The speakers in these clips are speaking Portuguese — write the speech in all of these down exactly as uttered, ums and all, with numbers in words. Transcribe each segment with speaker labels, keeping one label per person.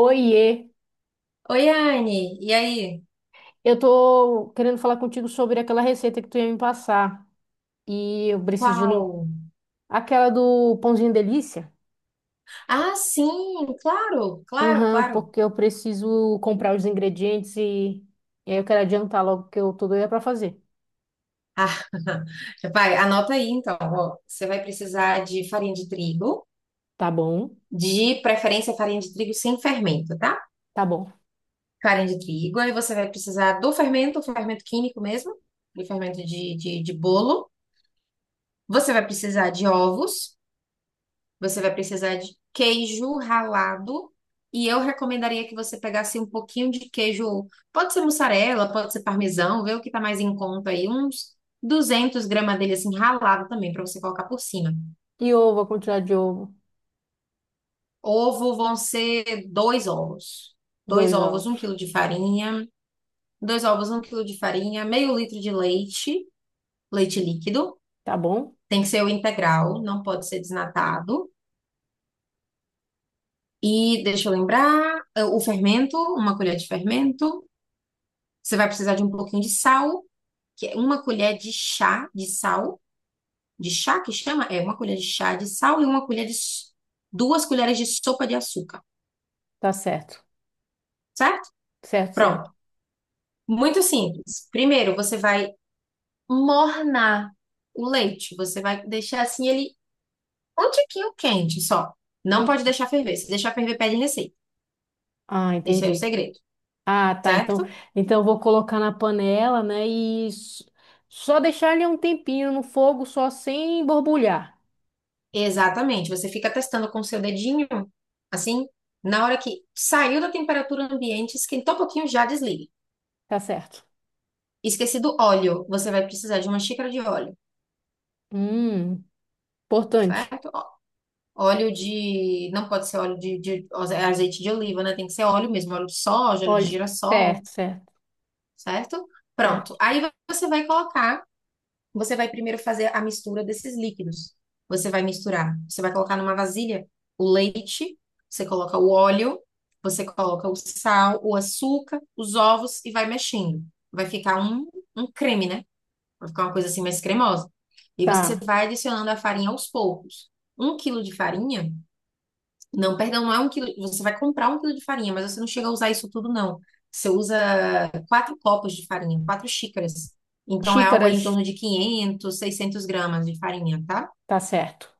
Speaker 1: Oiê,
Speaker 2: Oi, Anne, e aí?
Speaker 1: eu tô querendo falar contigo sobre aquela receita que tu ia me passar. E eu preciso de no...
Speaker 2: Qual?
Speaker 1: aquela do pãozinho delícia.
Speaker 2: Ah, sim, claro, claro,
Speaker 1: Aham,
Speaker 2: claro.
Speaker 1: porque eu preciso comprar os ingredientes e... e aí eu quero adiantar logo que eu tô doida pra fazer.
Speaker 2: Ah, vai, anota aí então. Ó, você vai precisar de farinha de trigo,
Speaker 1: Tá bom?
Speaker 2: de preferência farinha de trigo sem fermento, tá?
Speaker 1: Tá bom.
Speaker 2: Farinha de trigo, aí você vai precisar do fermento, fermento químico mesmo, do fermento de, de, de bolo. Você vai precisar de ovos. Você vai precisar de queijo ralado. E eu recomendaria que você pegasse um pouquinho de queijo. Pode ser mussarela, pode ser parmesão, vê o que tá mais em conta aí. Uns duzentos gramas dele assim ralado também, para você colocar por cima.
Speaker 1: E ovo, a quantidade de ovo?
Speaker 2: Ovo vão ser dois ovos. Dois
Speaker 1: Dois
Speaker 2: ovos,
Speaker 1: ovos.
Speaker 2: um quilo de farinha. Dois ovos, um quilo de farinha. Meio litro de leite, leite líquido.
Speaker 1: Tá bom?
Speaker 2: Tem que ser o integral, não pode ser desnatado. E deixa eu lembrar, eh, o fermento, uma colher de fermento. Você vai precisar de um pouquinho de sal, que é uma colher de chá de sal, de chá que chama? É, uma colher de chá de sal e uma colher de s- duas colheres de sopa de açúcar,
Speaker 1: Tá certo.
Speaker 2: certo?
Speaker 1: Certo, certo.
Speaker 2: Pronto. Muito simples. Primeiro, você vai mornar o leite. Você vai deixar assim ele um tiquinho quente só. Não
Speaker 1: Hum.
Speaker 2: pode deixar ferver. Se deixar ferver, perde receita.
Speaker 1: Ah,
Speaker 2: Esse é o
Speaker 1: entendi.
Speaker 2: segredo,
Speaker 1: Ah, tá. Então,
Speaker 2: certo?
Speaker 1: então eu vou colocar na panela, né? E s- só deixar ele um tempinho no fogo, só sem borbulhar.
Speaker 2: Exatamente. Você fica testando com o seu dedinho, assim, na hora que saiu da temperatura ambiente, esquentou um pouquinho, já desliga.
Speaker 1: Tá certo.
Speaker 2: Esqueci do óleo. Você vai precisar de uma xícara de óleo,
Speaker 1: Hum, importante.
Speaker 2: certo? Ó, óleo de. Não pode ser óleo de, de, é azeite de oliva, né? Tem que ser óleo mesmo, óleo de soja, óleo de
Speaker 1: Olha,
Speaker 2: girassol,
Speaker 1: certo, certo,
Speaker 2: certo? Pronto.
Speaker 1: certo.
Speaker 2: Aí você vai colocar. Você vai primeiro fazer a mistura desses líquidos. Você vai misturar. Você vai colocar numa vasilha o leite, você coloca o óleo, você coloca o sal, o açúcar, os ovos e vai mexendo. Vai ficar um, um creme, né? Vai ficar uma coisa assim mais cremosa. E você
Speaker 1: Tá.
Speaker 2: vai adicionando a farinha aos poucos. Um quilo de farinha, não, perdão, não é um quilo, você vai comprar um quilo de farinha, mas você não chega a usar isso tudo, não. Você usa quatro copos de farinha, quatro xícaras. Então é algo aí
Speaker 1: Xícaras,
Speaker 2: em torno de quinhentos seiscentos gramas de farinha, tá?
Speaker 1: tá certo.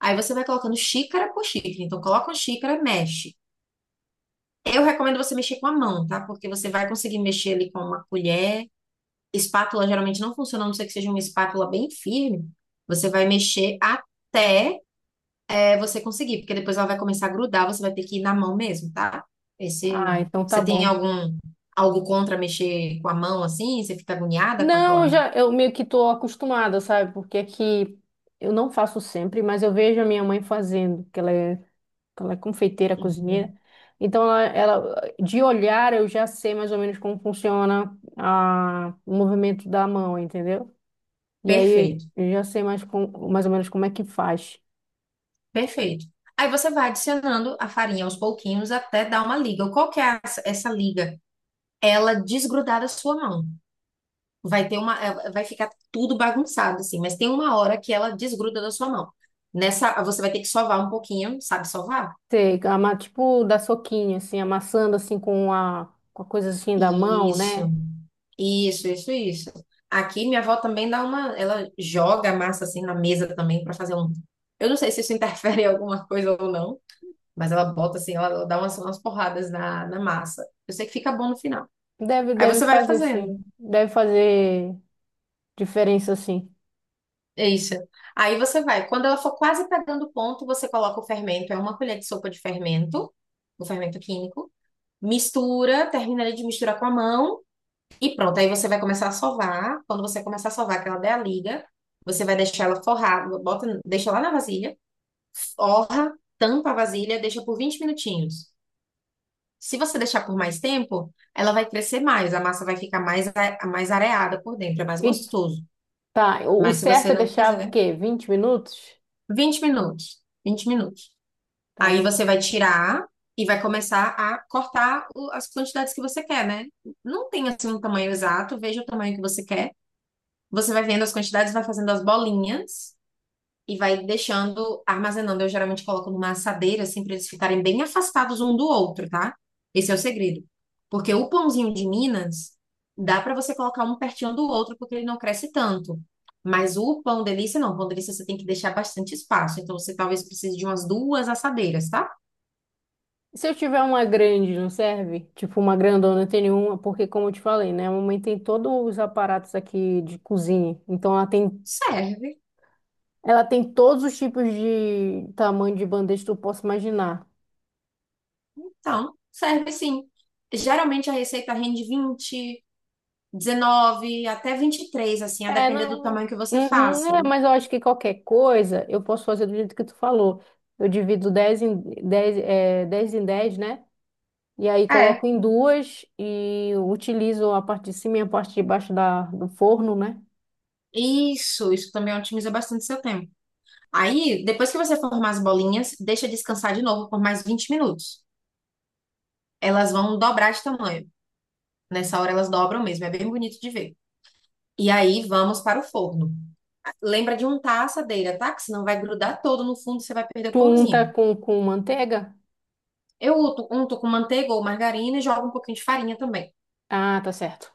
Speaker 2: Aí você vai colocando xícara por xícara. Então coloca uma xícara, mexe. Eu recomendo você mexer com a mão, tá? Porque você vai conseguir mexer ali com uma colher, espátula geralmente não funciona, a não ser que seja uma espátula bem firme. Você vai mexer até é, você conseguir, porque depois ela vai começar a grudar, você vai ter que ir na mão mesmo, tá? Esse,
Speaker 1: Ah, então tá
Speaker 2: você tem
Speaker 1: bom.
Speaker 2: algum, algo contra mexer com a mão assim? Você fica agoniada com
Speaker 1: Não, eu
Speaker 2: aquela?
Speaker 1: já eu meio que tô acostumada, sabe? Porque aqui eu não faço sempre, mas eu vejo a minha mãe fazendo, que ela é ela é confeiteira, cozinheira.
Speaker 2: Uhum.
Speaker 1: Então, ela, ela- de olhar, eu já sei mais ou menos como funciona a, o movimento da mão, entendeu? E aí,
Speaker 2: Perfeito,
Speaker 1: eu já sei mais, com, mais ou menos como é que faz.
Speaker 2: perfeito. Aí você vai adicionando a farinha aos pouquinhos até dar uma liga. Qual que é essa essa liga? Ela desgrudar da sua mão. Vai ter uma, eh, vai ficar tudo bagunçado assim, mas tem uma hora que ela desgruda da sua mão. Nessa, você vai ter que sovar um pouquinho, sabe sovar?
Speaker 1: Sei, ama- tipo, dar soquinho, assim, amassando, assim, com a, com a coisa, assim, da mão,
Speaker 2: Isso,
Speaker 1: né?
Speaker 2: isso, isso, isso. Aqui minha avó também dá uma, ela joga a massa assim na mesa também para fazer um. Eu não sei se isso interfere em alguma coisa ou não, mas ela bota assim, ela, ela dá umas, umas porradas na, na massa. Eu sei que fica bom no final.
Speaker 1: Deve,
Speaker 2: Aí
Speaker 1: deve
Speaker 2: você vai
Speaker 1: fazer,
Speaker 2: fazendo.
Speaker 1: sim. Deve fazer diferença, sim.
Speaker 2: É isso. Aí você vai. Quando ela for quase pegando o ponto, você coloca o fermento. É uma colher de sopa de fermento, o fermento químico. Mistura, termina ali de misturar com a mão e pronto. Aí você vai começar a sovar. Quando você começar a sovar, que ela der a liga, você vai deixar ela forrada, bota, deixa lá na vasilha, forra, tampa a vasilha, deixa por vinte minutinhos. Se você deixar por mais tempo, ela vai crescer mais, a massa vai ficar mais, a- mais areada por dentro, é mais
Speaker 1: E,
Speaker 2: gostoso.
Speaker 1: tá, o, o
Speaker 2: Mas se
Speaker 1: certo
Speaker 2: você
Speaker 1: é
Speaker 2: não
Speaker 1: deixar, o
Speaker 2: quiser,
Speaker 1: quê? Vinte minutos?
Speaker 2: vinte minutos. vinte minutos.
Speaker 1: Tá.
Speaker 2: Aí você vai tirar e vai começar a cortar o- as quantidades que você quer, né? Não tem assim um tamanho exato, veja o tamanho que você quer. Você vai vendo as quantidades, vai fazendo as bolinhas e vai deixando, armazenando. Eu geralmente coloco numa assadeira, assim, para eles ficarem bem afastados um do outro, tá? Esse é o segredo. Porque o pãozinho de Minas dá para você colocar um pertinho do outro, porque ele não cresce tanto. Mas o pão delícia não, o pão delícia você tem que deixar bastante espaço. Então você talvez precise de umas duas assadeiras, tá?
Speaker 1: Se eu tiver uma grande, não serve? Tipo, uma grandona, tem nenhuma, porque como eu te falei, né? A mamãe tem todos os aparatos aqui de cozinha. Então ela tem,
Speaker 2: Serve.
Speaker 1: ela tem todos os tipos de tamanho de bandeja que tu possa imaginar.
Speaker 2: Então, serve sim. Geralmente a receita rende vinte, dezenove, até vinte e três, assim, a
Speaker 1: É,
Speaker 2: depender do
Speaker 1: não.
Speaker 2: tamanho que você
Speaker 1: Uhum,
Speaker 2: faça.
Speaker 1: é, mas eu acho que qualquer coisa eu posso fazer do jeito que tu falou. Eu divido dez em dez é, dez em dez né? E aí
Speaker 2: É,
Speaker 1: coloco em duas e utilizo a parte de cima e a parte de baixo da, do forno, né?
Speaker 2: isso, isso também otimiza bastante seu tempo. Aí, depois que você formar as bolinhas, deixa descansar de novo por mais vinte minutos. Elas vão dobrar de tamanho. Nessa hora elas dobram mesmo, é bem bonito de ver. E aí vamos para o forno. Lembra de untar a assadeira, tá? Que senão vai grudar todo no fundo e você vai perder o
Speaker 1: Tu unta
Speaker 2: pãozinho.
Speaker 1: com, com manteiga?
Speaker 2: Eu unto, unto com manteiga ou margarina e jogo um pouquinho de farinha também.
Speaker 1: Ah, tá certo.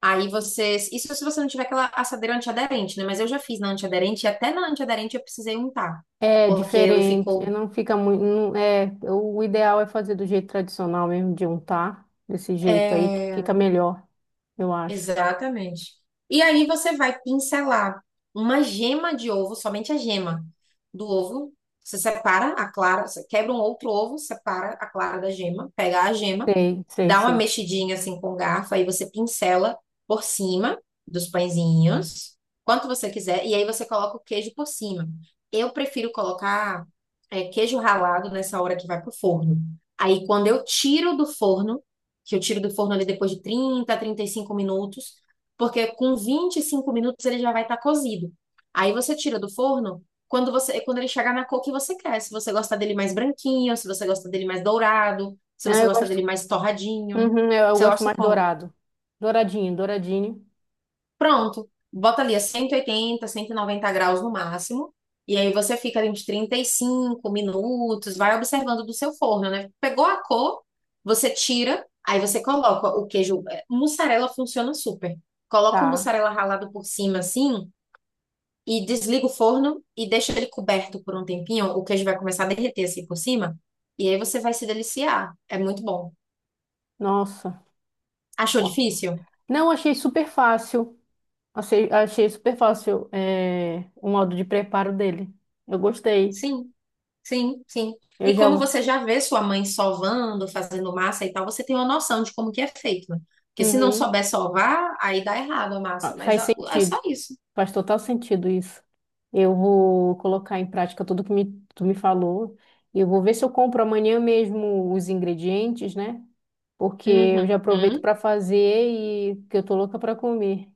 Speaker 2: Aí você. Isso se você não tiver aquela assadeira antiaderente, né? Mas eu já fiz na antiaderente e até na antiaderente eu precisei untar.
Speaker 1: É
Speaker 2: Porque ele
Speaker 1: diferente, é,
Speaker 2: ficou.
Speaker 1: não fica muito. não- é, o ideal é fazer do jeito tradicional mesmo, de untar, desse jeito aí, que
Speaker 2: É,
Speaker 1: fica melhor, eu acho.
Speaker 2: exatamente. E aí você vai pincelar uma gema de ovo, somente a gema do ovo. Você separa a clara, você quebra um outro ovo, separa a clara da gema, pega a gema,
Speaker 1: Sei, sei,
Speaker 2: dá uma
Speaker 1: sei.
Speaker 2: mexidinha assim com o garfo, aí você pincela por cima dos pãezinhos, quanto você quiser, e aí você coloca o queijo por cima. Eu prefiro colocar é, queijo ralado nessa hora que vai pro forno. Aí quando eu tiro do forno, que eu tiro do forno ali depois de trinta, trinta e cinco minutos, porque com vinte e cinco minutos ele já vai estar cozido. Aí você tira do forno quando você, quando ele chegar na cor que você quer, se você gosta dele mais branquinho, se você gosta dele mais dourado, se
Speaker 1: Ah,
Speaker 2: você
Speaker 1: eu
Speaker 2: gosta
Speaker 1: gosto,
Speaker 2: dele mais torradinho.
Speaker 1: uhum, eu, eu
Speaker 2: Você
Speaker 1: gosto
Speaker 2: gosta
Speaker 1: mais
Speaker 2: como?
Speaker 1: dourado. Douradinho, douradinho.
Speaker 2: Pronto. Bota ali a cento cento e oitenta, cento e noventa graus no máximo. E aí você fica ali uns trinta e cinco minutos, vai observando do seu forno, né? Pegou a cor, você tira, aí você coloca o queijo. é, mussarela funciona super. Coloca o
Speaker 1: Tá.
Speaker 2: mussarela ralado por cima assim e desliga o forno e deixa ele coberto por um tempinho. O queijo vai começar a derreter assim por cima. E aí você vai se deliciar. É muito bom.
Speaker 1: Nossa, tá
Speaker 2: Achou
Speaker 1: bom.
Speaker 2: difícil?
Speaker 1: Não, achei super fácil. Achei, achei super fácil, é, o modo de preparo dele. Eu gostei.
Speaker 2: Sim. Sim, sim.
Speaker 1: Eu
Speaker 2: E como
Speaker 1: já.
Speaker 2: você já vê sua mãe sovando, fazendo massa e tal, você tem uma noção de como que é feito, né? Porque se não
Speaker 1: Uhum,
Speaker 2: souber sovar, aí dá errado a massa,
Speaker 1: ah,
Speaker 2: mas
Speaker 1: faz
Speaker 2: é é
Speaker 1: sentido.
Speaker 2: só isso.
Speaker 1: Faz total sentido isso. Eu vou colocar em prática tudo que me, tu me falou. Eu vou ver se eu compro amanhã mesmo os ingredientes, né? Porque eu
Speaker 2: Uhum.
Speaker 1: já aproveito para fazer e que eu tô louca para comer.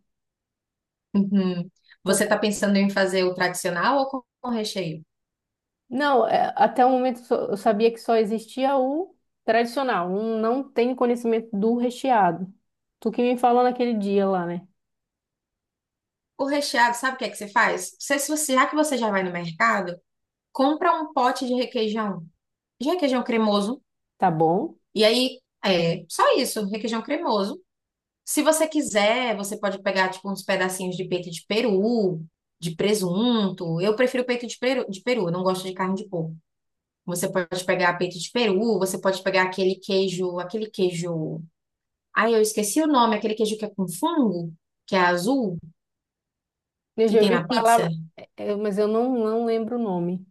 Speaker 2: Uhum.
Speaker 1: Tô
Speaker 2: Você está
Speaker 1: co-
Speaker 2: pensando em fazer o tradicional ou com com recheio?
Speaker 1: Não, é, até o momento só- eu sabia que só existia o tradicional. Um não tenho conhecimento do recheado. Tu que me falou naquele dia lá, né?
Speaker 2: O recheado, sabe o que é que você faz? Você, se você, já que você já vai no mercado, compra um pote de requeijão, de requeijão cremoso,
Speaker 1: Tá bom?
Speaker 2: e aí é só isso, requeijão cremoso. Se você quiser, você pode pegar tipo uns pedacinhos de peito de peru, de presunto. Eu prefiro peito de peru, de peru, eu não gosto de carne de porco. Você pode pegar peito de peru, você pode pegar aquele queijo, aquele queijo. Ai, eu esqueci o nome, aquele queijo que é com fungo, que é azul,
Speaker 1: Eu
Speaker 2: que
Speaker 1: já
Speaker 2: tem
Speaker 1: ouvi
Speaker 2: na pizza.
Speaker 1: falar, é, é, mas eu não, não lembro o nome.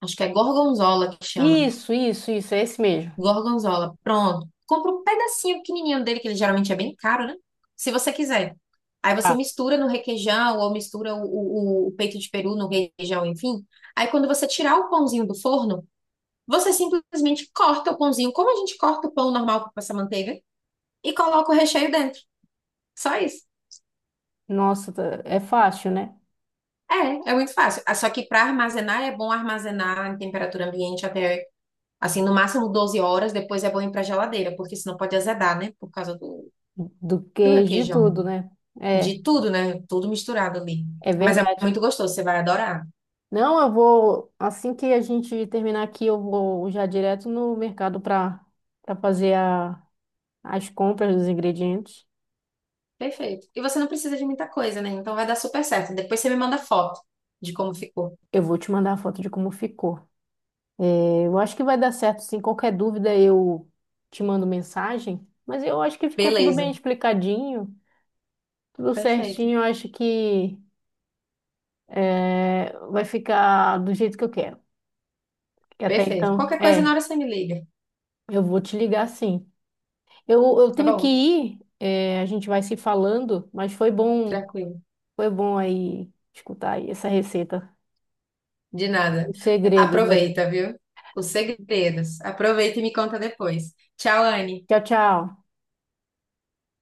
Speaker 2: Acho que é gorgonzola que chama.
Speaker 1: Isso, isso, isso, é esse mesmo.
Speaker 2: Gorgonzola, pronto. Compra um pedacinho pequenininho dele, que ele geralmente é bem caro, né? Se você quiser. Aí você
Speaker 1: Tá.
Speaker 2: mistura no requeijão ou mistura o, o- o peito de peru no requeijão, enfim. Aí quando você tirar o pãozinho do forno, você simplesmente corta o pãozinho, como a gente corta o pão normal para passar manteiga, e coloca o recheio dentro. Só isso.
Speaker 1: Nossa, tá- é fácil, né?
Speaker 2: É, é muito fácil. Ah, só que para armazenar é bom armazenar em temperatura ambiente até, assim, no máximo doze horas, depois é bom ir para geladeira, porque senão pode azedar, né? Por causa do,
Speaker 1: Do
Speaker 2: do
Speaker 1: que de
Speaker 2: requeijão.
Speaker 1: tudo, né? É,
Speaker 2: De tudo, né? Tudo misturado ali.
Speaker 1: é
Speaker 2: Mas é
Speaker 1: verdade.
Speaker 2: muito gostoso, você vai adorar.
Speaker 1: Não, eu vou, assim que a gente terminar aqui, eu vou já direto no mercado para para fazer a, as compras dos ingredientes.
Speaker 2: Perfeito. E você não precisa de muita coisa, né? Então vai dar super certo. Depois você me manda foto de como ficou.
Speaker 1: Eu vou te mandar a foto de como ficou. É, eu acho que vai dar certo, sim. Qualquer dúvida eu te mando mensagem, mas eu acho que ficou tudo bem
Speaker 2: Beleza.
Speaker 1: explicadinho, tudo
Speaker 2: Perfeito.
Speaker 1: certinho. Eu acho que é, vai ficar do jeito que eu quero. Que até
Speaker 2: Perfeito.
Speaker 1: então,
Speaker 2: Qualquer coisa na
Speaker 1: é.
Speaker 2: hora você me liga.
Speaker 1: Eu vou te ligar sim. Eu, eu
Speaker 2: Tá
Speaker 1: tenho que
Speaker 2: bom?
Speaker 1: ir, é, a gente vai se falando, mas foi bom,
Speaker 2: Tranquilo.
Speaker 1: foi bom aí escutar aí essa receita.
Speaker 2: De nada.
Speaker 1: Os segredos. Da-
Speaker 2: Aproveita, viu? Os segredos. Aproveita e me conta depois. Tchau, Anne.
Speaker 1: Tchau, tchau.